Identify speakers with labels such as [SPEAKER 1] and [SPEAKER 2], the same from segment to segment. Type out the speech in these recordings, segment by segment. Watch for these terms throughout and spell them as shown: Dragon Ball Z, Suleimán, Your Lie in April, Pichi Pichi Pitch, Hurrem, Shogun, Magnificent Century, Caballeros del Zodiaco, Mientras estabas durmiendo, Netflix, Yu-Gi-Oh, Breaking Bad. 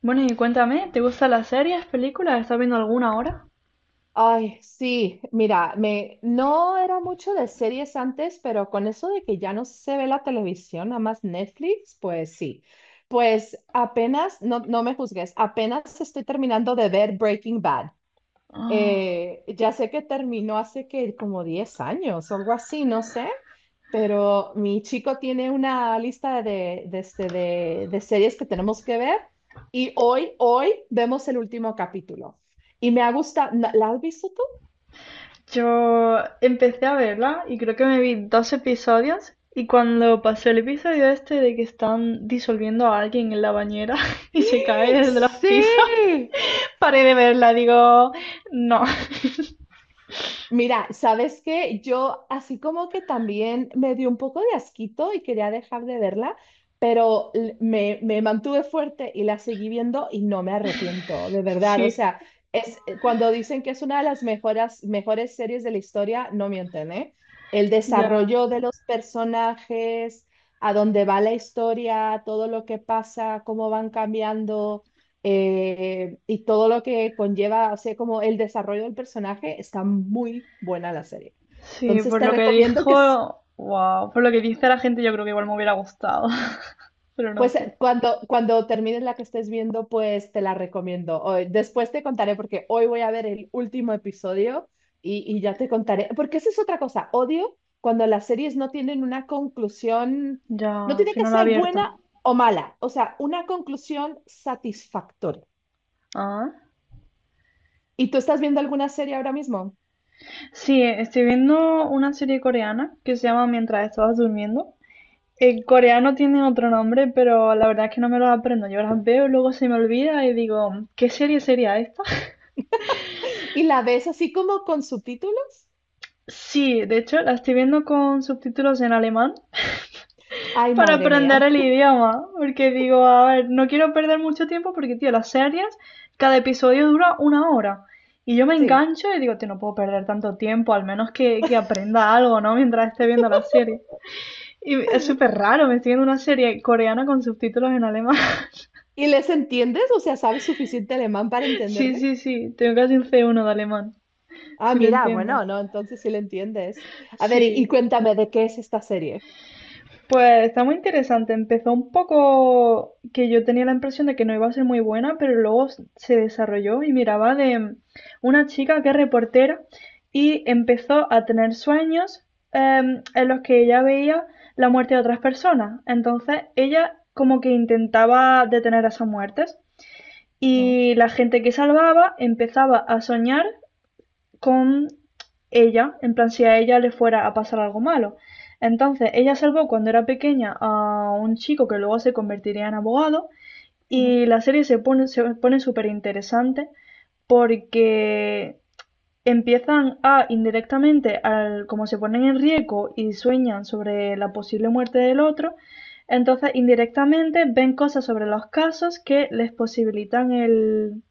[SPEAKER 1] Bueno, y cuéntame, ¿te gustan las series, películas? ¿Estás viendo alguna ahora?
[SPEAKER 2] Ay, sí, mira, me no era mucho de series antes, pero con eso de que ya no se ve la televisión, nada más Netflix, pues sí. Pues apenas, no, no me juzgues, apenas estoy terminando de ver Breaking Bad.
[SPEAKER 1] Ah.
[SPEAKER 2] Ya sé que terminó hace que como 10 años o algo así, no sé, pero mi chico tiene una lista de series que tenemos que ver y hoy vemos el último capítulo. Y me ha gustado, ¿la has visto tú?
[SPEAKER 1] Yo empecé a verla y creo que me vi dos episodios y cuando pasó el episodio este de que están disolviendo a alguien en la bañera y se cae desde los pisos,
[SPEAKER 2] Sí.
[SPEAKER 1] paré de verla, digo, no.
[SPEAKER 2] Mira, ¿sabes qué? Yo así como que también me dio un poco de asquito y quería dejar de verla, pero me mantuve fuerte y la seguí viendo y no me arrepiento, de verdad. O
[SPEAKER 1] Sí,
[SPEAKER 2] sea, es cuando dicen que es una de las mejores series de la historia, no mienten, ¿eh? El
[SPEAKER 1] ya.
[SPEAKER 2] desarrollo de los personajes, a dónde va la historia, todo lo que pasa, cómo van cambiando. Y todo lo que conlleva, o sea, como el desarrollo del personaje, está muy buena la serie.
[SPEAKER 1] Sí,
[SPEAKER 2] Entonces
[SPEAKER 1] por
[SPEAKER 2] te
[SPEAKER 1] lo que
[SPEAKER 2] recomiendo que,
[SPEAKER 1] dijo, wow, por lo que dice la gente yo creo que igual me hubiera gustado, pero no
[SPEAKER 2] pues
[SPEAKER 1] sé.
[SPEAKER 2] cuando termines la que estés viendo, pues te la recomiendo. Después te contaré porque hoy voy a ver el último episodio y ya te contaré, porque esa es otra cosa, odio cuando las series no tienen una conclusión, no
[SPEAKER 1] Ya,
[SPEAKER 2] tiene
[SPEAKER 1] si
[SPEAKER 2] que
[SPEAKER 1] no he
[SPEAKER 2] ser
[SPEAKER 1] abierto.
[SPEAKER 2] buena o mala, o sea, una conclusión satisfactoria.
[SPEAKER 1] Ah.
[SPEAKER 2] ¿Y tú estás viendo alguna serie ahora mismo?
[SPEAKER 1] Sí, estoy viendo una serie coreana que se llama Mientras estabas durmiendo. El coreano tiene otro nombre, pero la verdad es que no me los aprendo. Yo las veo, luego se me olvida y digo, ¿qué serie sería esta?
[SPEAKER 2] Y la ves así como con subtítulos.
[SPEAKER 1] Sí, de hecho la estoy viendo con subtítulos en alemán
[SPEAKER 2] Ay,
[SPEAKER 1] para
[SPEAKER 2] madre
[SPEAKER 1] aprender
[SPEAKER 2] mía.
[SPEAKER 1] el idioma, porque digo, a ver, no quiero perder mucho tiempo porque, tío, las series, cada episodio dura una hora. Y yo me
[SPEAKER 2] Sí.
[SPEAKER 1] engancho y digo, tío, no puedo perder tanto tiempo, al menos que aprenda algo, ¿no? Mientras esté viendo la serie. Y es súper raro, me estoy viendo una serie coreana con subtítulos en alemán.
[SPEAKER 2] ¿Y les entiendes? O sea, ¿sabes suficiente alemán para
[SPEAKER 1] Sí,
[SPEAKER 2] entenderle?
[SPEAKER 1] sí, sí, tengo casi un C1 de alemán,
[SPEAKER 2] Ah,
[SPEAKER 1] sí lo
[SPEAKER 2] mira,
[SPEAKER 1] entiendo.
[SPEAKER 2] bueno, no, entonces sí le entiendes. A ver, y,
[SPEAKER 1] Sí,
[SPEAKER 2] y cuéntame de qué es esta serie.
[SPEAKER 1] pues está muy interesante. Empezó un poco que yo tenía la impresión de que no iba a ser muy buena, pero luego se desarrolló y miraba de una chica que es reportera y empezó a tener sueños en los que ella veía la muerte de otras personas. Entonces ella como que intentaba detener esas muertes.
[SPEAKER 2] Ujú,
[SPEAKER 1] Y la gente que salvaba empezaba a soñar con ella, en plan si a ella le fuera a pasar algo malo. Entonces, ella salvó cuando era pequeña a un chico que luego se convertiría en abogado
[SPEAKER 2] ujú.
[SPEAKER 1] y la serie se pone súper interesante porque empiezan a indirectamente, como se ponen en riesgo y sueñan sobre la posible muerte del otro, entonces indirectamente ven cosas sobre los casos que les posibilitan el,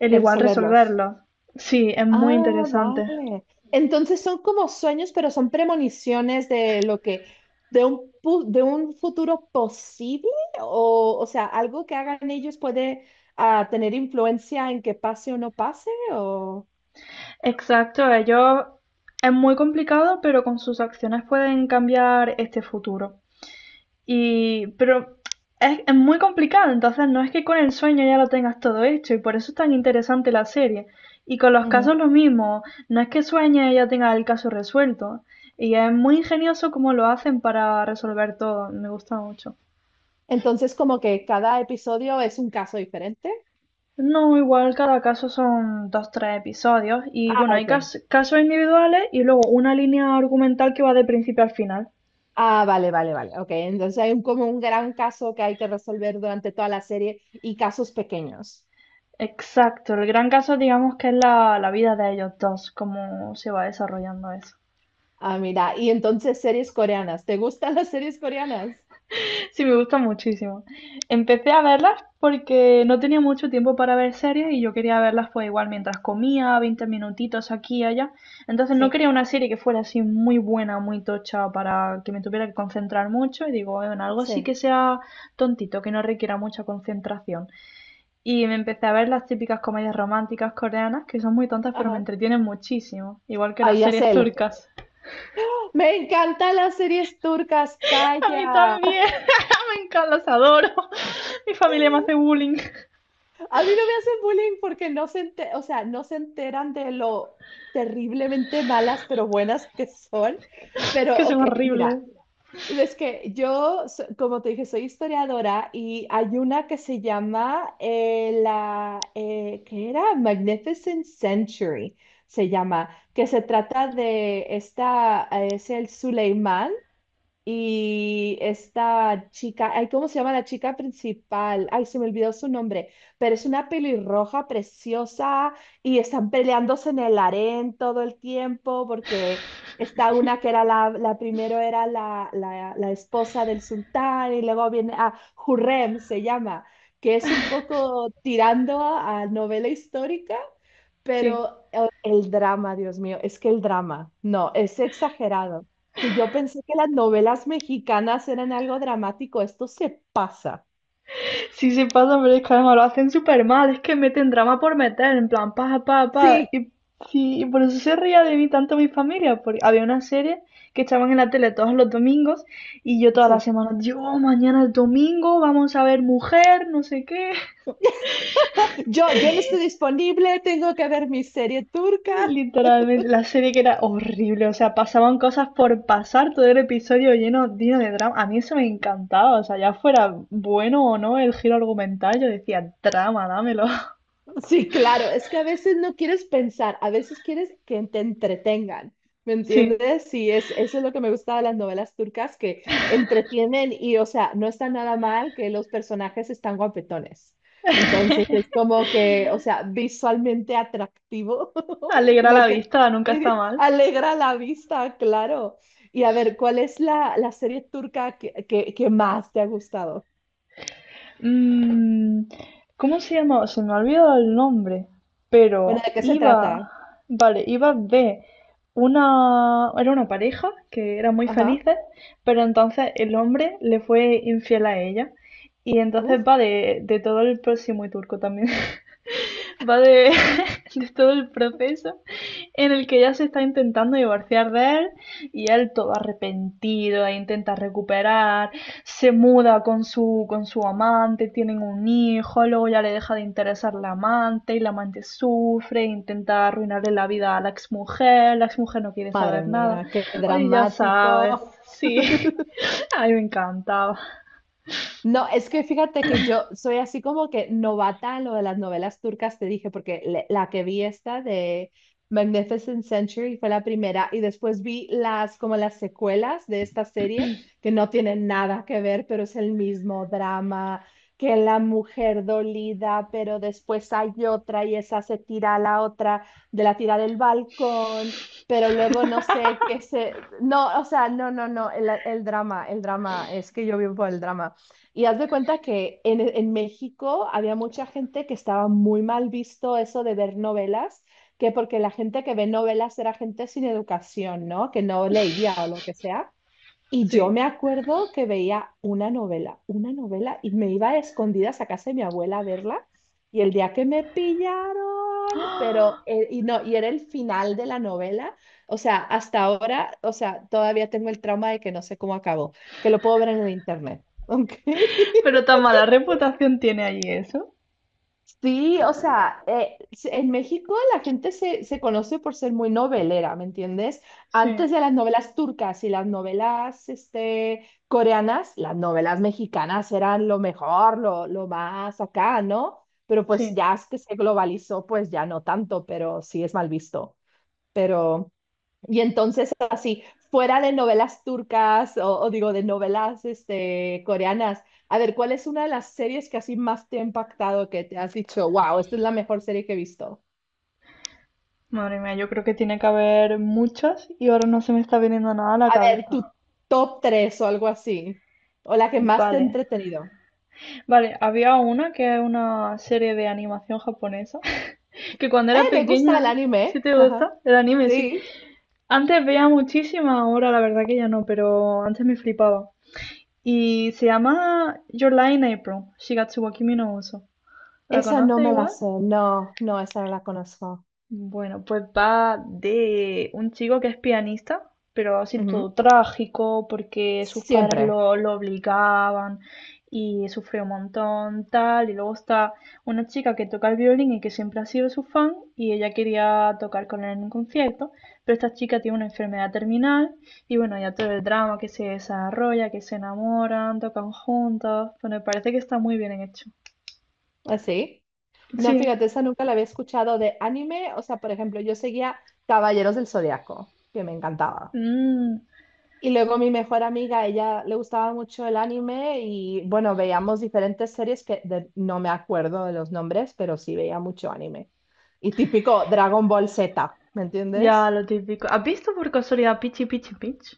[SPEAKER 1] el
[SPEAKER 2] El
[SPEAKER 1] igual
[SPEAKER 2] resolverlos.
[SPEAKER 1] resolverlo. Sí, es muy
[SPEAKER 2] Ah,
[SPEAKER 1] interesante.
[SPEAKER 2] vale. Entonces son como sueños, pero son premoniciones de lo que, de un futuro posible, o sea, algo que hagan ellos puede tener influencia en que pase o no pase, o.
[SPEAKER 1] Exacto, ellos es muy complicado, pero con sus acciones pueden cambiar este futuro. Y, pero es muy complicado, entonces no es que con el sueño ya lo tengas todo hecho y por eso es tan interesante la serie. Y con los casos lo mismo, no es que sueñe y ya tenga el caso resuelto. Y es muy ingenioso cómo lo hacen para resolver todo, me gusta mucho.
[SPEAKER 2] Entonces, como que cada episodio es un caso diferente.
[SPEAKER 1] No, igual cada caso son dos, tres episodios y
[SPEAKER 2] Ah,
[SPEAKER 1] bueno, hay
[SPEAKER 2] ok.
[SPEAKER 1] casos individuales y luego una línea argumental que va de principio al final.
[SPEAKER 2] Ah, vale, vale, vale. Ok, entonces hay un, como un gran caso que hay que resolver durante toda la serie y casos pequeños.
[SPEAKER 1] Exacto, el gran caso digamos que es la vida de ellos dos, cómo se va desarrollando eso.
[SPEAKER 2] Ah, mira, y entonces series coreanas. ¿Te gustan las series coreanas?
[SPEAKER 1] Sí, me gusta muchísimo. Empecé a verlas porque no tenía mucho tiempo para ver series y yo quería verlas pues igual mientras comía, 20 minutitos aquí y allá. Entonces no
[SPEAKER 2] Sí,
[SPEAKER 1] quería una serie que fuera así muy buena, muy tocha para que me tuviera que concentrar mucho y digo, en algo así que
[SPEAKER 2] sí.
[SPEAKER 1] sea tontito, que no requiera mucha concentración. Y me empecé a ver las típicas comedias románticas coreanas que son muy tontas pero me
[SPEAKER 2] Ajá.
[SPEAKER 1] entretienen muchísimo, igual que las
[SPEAKER 2] Ahí
[SPEAKER 1] series
[SPEAKER 2] hace él.
[SPEAKER 1] turcas.
[SPEAKER 2] Me encantan las series turcas,
[SPEAKER 1] A mí
[SPEAKER 2] calla.
[SPEAKER 1] también, me encantan, las adoro. Mi familia me hace bullying.
[SPEAKER 2] A mí no me hacen bullying porque no se o sea, no se enteran de lo terriblemente malas pero buenas que son.
[SPEAKER 1] Es
[SPEAKER 2] Pero,
[SPEAKER 1] que son
[SPEAKER 2] ok,
[SPEAKER 1] horribles.
[SPEAKER 2] mira. Es que yo, como te dije, soy historiadora y hay una que se llama la, ¿qué era? Magnificent Century, se llama, que se trata de esta, es el Suleimán. Y esta chica, ay, ¿cómo se llama la chica principal? Ay, se me olvidó su nombre, pero es una pelirroja preciosa y están peleándose en el harén todo el tiempo porque está una que era la primero era la esposa del sultán y luego viene a Hurrem, se llama, que es un poco tirando a novela histórica
[SPEAKER 1] Sí.
[SPEAKER 2] pero el drama, Dios mío, es que el drama, no, es exagerado. Si yo pensé que las novelas mexicanas eran algo dramático, esto se pasa.
[SPEAKER 1] Sí se pasa, pero es que además lo hacen súper mal. Es que meten drama por meter, en plan, pa, pa, pa.
[SPEAKER 2] Sí,
[SPEAKER 1] Y, sí, y por eso se ría de mí tanto mi familia. Porque había una serie que echaban en la tele todos los domingos y yo todas las
[SPEAKER 2] sí.
[SPEAKER 1] semanas, yo, mañana es domingo, vamos a ver mujer, no sé qué.
[SPEAKER 2] Yo no estoy disponible, tengo que ver mi serie turca.
[SPEAKER 1] Literalmente, la serie que era horrible. O sea, pasaban cosas por pasar, todo el episodio lleno, lleno de drama. A mí eso me encantaba. O sea, ya fuera bueno o no el giro argumental, yo decía, drama, dámelo.
[SPEAKER 2] Sí, claro, es que a veces no quieres pensar, a veces quieres que te entretengan, ¿me
[SPEAKER 1] Sí,
[SPEAKER 2] entiendes? Sí, eso es lo que me gusta de las novelas turcas, que entretienen y, o sea, no está nada mal que los personajes están guapetones. Entonces es como que, o sea, visualmente atractivo,
[SPEAKER 1] alegra la
[SPEAKER 2] lo que
[SPEAKER 1] vista, nunca está mal.
[SPEAKER 2] alegra la vista, claro. Y a ver, ¿cuál es la serie turca que más te ha gustado?
[SPEAKER 1] Mm, ¿cómo se llamaba? Se me ha olvidado el nombre,
[SPEAKER 2] Bueno,
[SPEAKER 1] pero
[SPEAKER 2] ¿de qué se
[SPEAKER 1] iba,
[SPEAKER 2] trata?
[SPEAKER 1] vale, iba de una, era una pareja que era muy
[SPEAKER 2] Ajá.
[SPEAKER 1] felices, pero entonces el hombre le fue infiel a ella. Y entonces
[SPEAKER 2] Uf.
[SPEAKER 1] va de todo el próximo y turco también. Va de, de todo el proceso en el que ella se está intentando divorciar de él y él todo arrepentido e intenta recuperar, se muda con su amante, tienen un hijo, luego ya le deja de interesar la amante y la amante sufre, intenta arruinarle la vida a la exmujer no quiere
[SPEAKER 2] Madre
[SPEAKER 1] saber nada.
[SPEAKER 2] mía, qué
[SPEAKER 1] Oye, ya sabes,
[SPEAKER 2] dramático.
[SPEAKER 1] sí, a me encantaba,
[SPEAKER 2] No, es que fíjate que yo soy así como que novata en lo de las novelas turcas, te dije, porque la que vi esta de Magnificent Century fue la primera y después vi las como las secuelas de esta serie que no tienen nada que ver, pero es el mismo drama, que la mujer dolida, pero después hay otra y esa se tira a la otra de la tira del balcón, pero luego no sé qué se. No, o sea, no, no, no, el drama, el drama, es que yo vivo por el drama. Y haz de cuenta que en México había mucha gente que estaba muy mal visto eso de ver novelas, que porque la gente que ve novelas era gente sin educación, ¿no? Que no leía o lo que sea. Y yo
[SPEAKER 1] sí.
[SPEAKER 2] me acuerdo que veía una novela, y me iba a escondidas a casa de mi abuela a verla. Y el día que me pillaron, pero, y no, y era el final de la novela. O sea, hasta ahora, o sea, todavía tengo el trauma de que no sé cómo acabó, que lo puedo ver en el internet. ¿Ok?
[SPEAKER 1] Pero tan mala reputación tiene allí eso,
[SPEAKER 2] Sí, o sea, en México la gente se conoce por ser muy novelera, ¿me entiendes?
[SPEAKER 1] sí,
[SPEAKER 2] Antes de las novelas turcas y las novelas coreanas, las novelas mexicanas eran lo mejor, lo más acá, ¿no? Pero pues
[SPEAKER 1] sí.
[SPEAKER 2] ya es que se globalizó, pues ya no tanto, pero sí es mal visto. Pero y entonces, así, fuera de novelas turcas o digo, de novelas coreanas, a ver, ¿cuál es una de las series que así más te ha impactado, que te has dicho, wow, esta es la mejor serie que he visto?
[SPEAKER 1] Madre mía, yo creo que tiene que haber muchas y ahora no se me está viniendo nada a la
[SPEAKER 2] A ver, tu
[SPEAKER 1] cabeza.
[SPEAKER 2] top 3 o algo así, o la que más te ha
[SPEAKER 1] Vale.
[SPEAKER 2] entretenido.
[SPEAKER 1] Vale, había una que es una serie de animación japonesa que cuando
[SPEAKER 2] Eh,
[SPEAKER 1] era
[SPEAKER 2] me gusta
[SPEAKER 1] pequeña,
[SPEAKER 2] el
[SPEAKER 1] ¿sí
[SPEAKER 2] anime.
[SPEAKER 1] te
[SPEAKER 2] Ajá.
[SPEAKER 1] gusta? El anime, sí.
[SPEAKER 2] Sí.
[SPEAKER 1] Antes veía muchísima, ahora la verdad que ya no, pero antes me flipaba. Y se llama Your Lie in April, Shigatsu wa Kimi no Uso. ¿La
[SPEAKER 2] Esa no
[SPEAKER 1] conoces
[SPEAKER 2] me la
[SPEAKER 1] igual?
[SPEAKER 2] sé. No, no, esa no la conozco.
[SPEAKER 1] Bueno, pues va de un chico que es pianista, pero así
[SPEAKER 2] Ujú.
[SPEAKER 1] todo trágico, porque sus padres
[SPEAKER 2] Siempre.
[SPEAKER 1] lo obligaban y sufrió un montón, tal. Y luego está una chica que toca el violín y que siempre ha sido su fan y ella quería tocar con él en un concierto, pero esta chica tiene una enfermedad terminal y bueno, ya todo el drama que se desarrolla, que se enamoran, tocan juntos. Bueno, me parece que está muy bien hecho.
[SPEAKER 2] Así. No,
[SPEAKER 1] Sí.
[SPEAKER 2] fíjate, esa nunca la había escuchado de anime. O sea, por ejemplo, yo seguía Caballeros del Zodiaco, que me encantaba.
[SPEAKER 1] Mm.
[SPEAKER 2] Y luego mi mejor amiga, ella le gustaba mucho el anime y bueno, veíamos diferentes series que no me acuerdo de los nombres, pero sí veía mucho anime. Y típico Dragon Ball Z, ¿me
[SPEAKER 1] Ya,
[SPEAKER 2] entiendes?
[SPEAKER 1] lo típico. ¿Has visto por casualidad Pichi Pichi Pitch?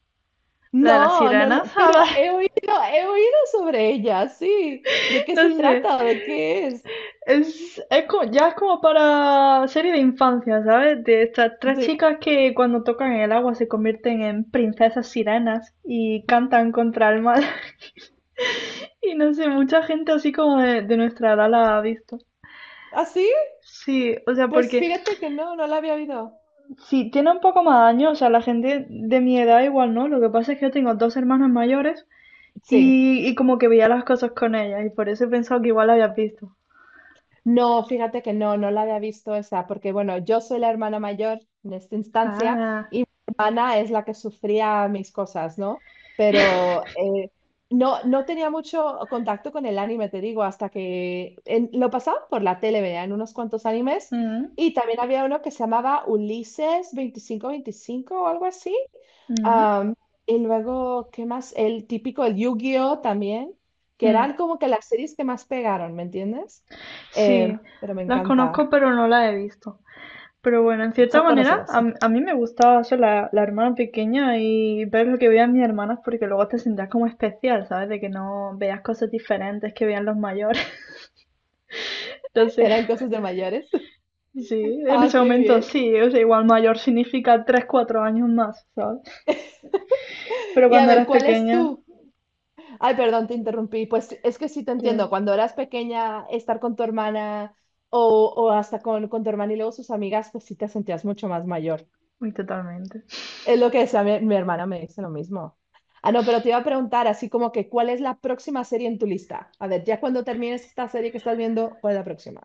[SPEAKER 1] La de las
[SPEAKER 2] No, no,
[SPEAKER 1] sirenas, a
[SPEAKER 2] pero
[SPEAKER 1] ver,
[SPEAKER 2] he oído sobre ella, sí. ¿De qué se
[SPEAKER 1] no sé.
[SPEAKER 2] trata? ¿De qué es?
[SPEAKER 1] Es como, ya es como para serie de infancia, ¿sabes? De estas tres
[SPEAKER 2] ¿Sí?
[SPEAKER 1] chicas que cuando tocan el agua se convierten en princesas sirenas y cantan contra el mal. Y no sé, mucha gente así como de nuestra edad la ha visto.
[SPEAKER 2] ¿Así?
[SPEAKER 1] Sí, o sea,
[SPEAKER 2] Pues
[SPEAKER 1] porque
[SPEAKER 2] fíjate que no, no la había oído.
[SPEAKER 1] si tiene un poco más de años, o sea, la gente de mi edad igual no. Lo que pasa es que yo tengo dos hermanas mayores.
[SPEAKER 2] Sí.
[SPEAKER 1] Y como que veía las cosas con ella, y por eso he pensado que igual la habías visto.
[SPEAKER 2] No, fíjate que no, no la había visto esa, porque bueno, yo soy la hermana mayor en esta instancia
[SPEAKER 1] Ah.
[SPEAKER 2] y mi hermana es la que sufría mis cosas, ¿no? Pero no, no tenía mucho contacto con el anime, te digo, hasta que lo pasaba por la tele, veían unos cuantos animes
[SPEAKER 1] mm,
[SPEAKER 2] y también había uno que se llamaba Ulises veinticinco veinticinco o algo así.
[SPEAKER 1] mm,
[SPEAKER 2] Am, y luego, ¿qué más? El típico, el Yu-Gi-Oh también, que
[SPEAKER 1] mm.
[SPEAKER 2] eran como que las series que más pegaron, ¿me entiendes? Eh,
[SPEAKER 1] Sí,
[SPEAKER 2] pero me
[SPEAKER 1] las
[SPEAKER 2] encanta.
[SPEAKER 1] conozco, pero no las he visto. Pero bueno, en cierta
[SPEAKER 2] Son
[SPEAKER 1] manera,
[SPEAKER 2] conocidos, sí.
[SPEAKER 1] a mí me gustaba ser la hermana pequeña y ver lo que veían mis hermanas, porque luego te sentías como especial, ¿sabes? De que no veías cosas diferentes que veían los mayores. Entonces,
[SPEAKER 2] Eran cosas de mayores.
[SPEAKER 1] sí, en
[SPEAKER 2] Ah,
[SPEAKER 1] ese
[SPEAKER 2] qué
[SPEAKER 1] momento
[SPEAKER 2] bien.
[SPEAKER 1] sí, o sea, igual mayor significa 3 4 años más, ¿sabes? Pero
[SPEAKER 2] Y a
[SPEAKER 1] cuando
[SPEAKER 2] ver,
[SPEAKER 1] eras
[SPEAKER 2] ¿cuál es
[SPEAKER 1] pequeña,
[SPEAKER 2] tú? Ay, perdón, te interrumpí. Pues es que sí te entiendo.
[SPEAKER 1] yo,
[SPEAKER 2] Cuando eras pequeña, estar con tu hermana o hasta con, tu hermana y luego sus amigas, pues sí te sentías mucho más mayor.
[SPEAKER 1] muy totalmente.
[SPEAKER 2] Es lo que decía mi hermana, me dice lo mismo. Ah, no, pero te iba a preguntar así como que, ¿cuál es la próxima serie en tu lista? A ver, ya cuando termines esta serie que estás viendo, ¿cuál es la próxima?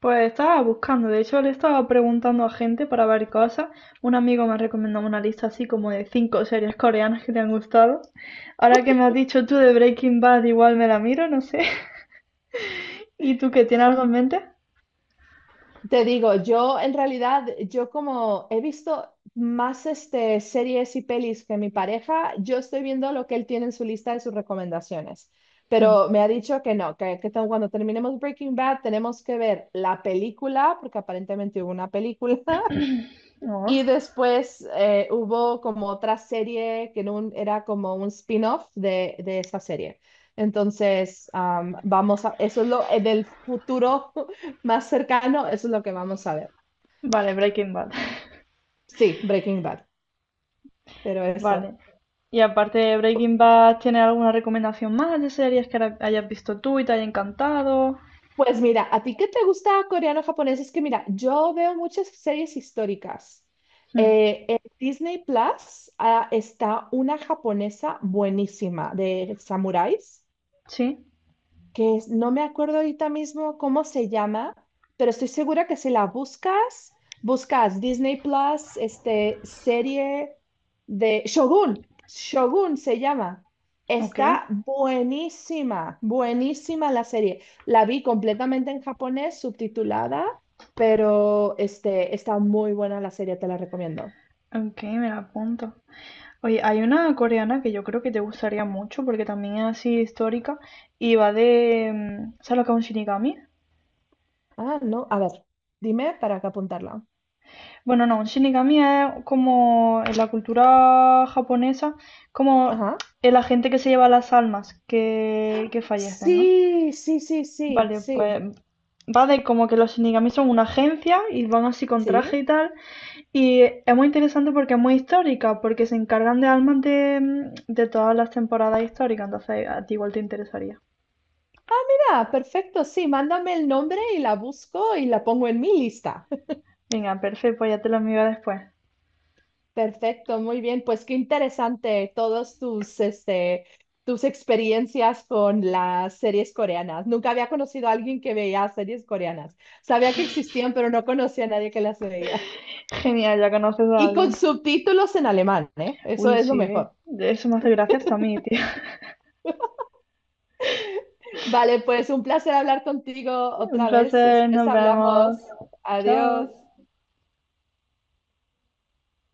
[SPEAKER 1] Pues estaba buscando, de hecho le estaba preguntando a gente para ver cosas. Un amigo me recomendó una lista así como de 5 series coreanas que le han gustado. Ahora que me has dicho tú de Breaking Bad, igual me la miro, no sé. ¿Y tú qué tienes algo en mente?
[SPEAKER 2] Te digo, yo en realidad, yo como he visto más series y pelis que mi pareja, yo estoy viendo lo que él tiene en su lista de sus recomendaciones.
[SPEAKER 1] Hmm.
[SPEAKER 2] Pero me ha dicho que no, que cuando terminemos Breaking Bad tenemos que ver la película, porque aparentemente hubo una película,
[SPEAKER 1] No.
[SPEAKER 2] y después hubo como otra serie que era como un spin-off de esa serie. Entonces, vamos a, eso es lo, en el futuro más cercano, eso es lo que vamos a ver.
[SPEAKER 1] Vale, Breaking Bad.
[SPEAKER 2] Sí, Breaking Bad, pero eso.
[SPEAKER 1] Vale. Y aparte de
[SPEAKER 2] Pu-
[SPEAKER 1] Breaking Bad, ¿tienes alguna recomendación más de series que ahora hayas visto tú y te haya encantado?
[SPEAKER 2] Pues mira, ¿a ti qué te gusta coreano o japonés? Es que mira, yo veo muchas series históricas.
[SPEAKER 1] Hmm.
[SPEAKER 2] En Disney Plus, está una japonesa buenísima de samuráis.
[SPEAKER 1] Sí,
[SPEAKER 2] Que no me acuerdo ahorita mismo cómo se llama, pero estoy segura que si la buscas, buscas Disney Plus, serie de Shogun, Shogun se llama.
[SPEAKER 1] ok.
[SPEAKER 2] Está buenísima, buenísima la serie. La vi completamente en japonés, subtitulada, pero está muy buena la serie, te la recomiendo.
[SPEAKER 1] Ok, me la apunto. Oye, hay una coreana que yo creo que te gustaría mucho porque también es así histórica y va de... ¿Sabes lo que es un shinigami?
[SPEAKER 2] Ah, no, a ver, dime para que apuntarla.
[SPEAKER 1] Bueno, no, un shinigami es como en la cultura japonesa, como
[SPEAKER 2] Ajá.
[SPEAKER 1] el agente que se lleva las almas que fallecen, ¿no?
[SPEAKER 2] Sí, sí, sí, sí,
[SPEAKER 1] Vale,
[SPEAKER 2] sí,
[SPEAKER 1] pues va de como que los shinigami son una agencia y van así con traje
[SPEAKER 2] sí.
[SPEAKER 1] y tal. Y es muy interesante porque es muy histórica, porque se encargan de almas de, de todas las temporadas históricas, entonces a ti igual te interesaría.
[SPEAKER 2] Ah, perfecto, sí, mándame el nombre y la busco y la pongo en mi lista.
[SPEAKER 1] Venga, perfecto, pues ya te lo envío después.
[SPEAKER 2] Perfecto, muy bien, pues qué interesante todos tus experiencias con las series coreanas. Nunca había conocido a alguien que veía series coreanas. Sabía que existían, pero no conocía a nadie que las veía.
[SPEAKER 1] Genial, ya conoces a
[SPEAKER 2] Y
[SPEAKER 1] alguien.
[SPEAKER 2] con subtítulos en alemán, ¿eh? Eso
[SPEAKER 1] Uy,
[SPEAKER 2] es
[SPEAKER 1] sí,
[SPEAKER 2] lo
[SPEAKER 1] eh.
[SPEAKER 2] mejor.
[SPEAKER 1] Eso me hace gracia hasta a mí, tío.
[SPEAKER 2] Vale, pues un placer hablar contigo
[SPEAKER 1] Un
[SPEAKER 2] otra vez.
[SPEAKER 1] placer,
[SPEAKER 2] Después
[SPEAKER 1] nos vemos.
[SPEAKER 2] hablamos.
[SPEAKER 1] Chao.
[SPEAKER 2] Adiós.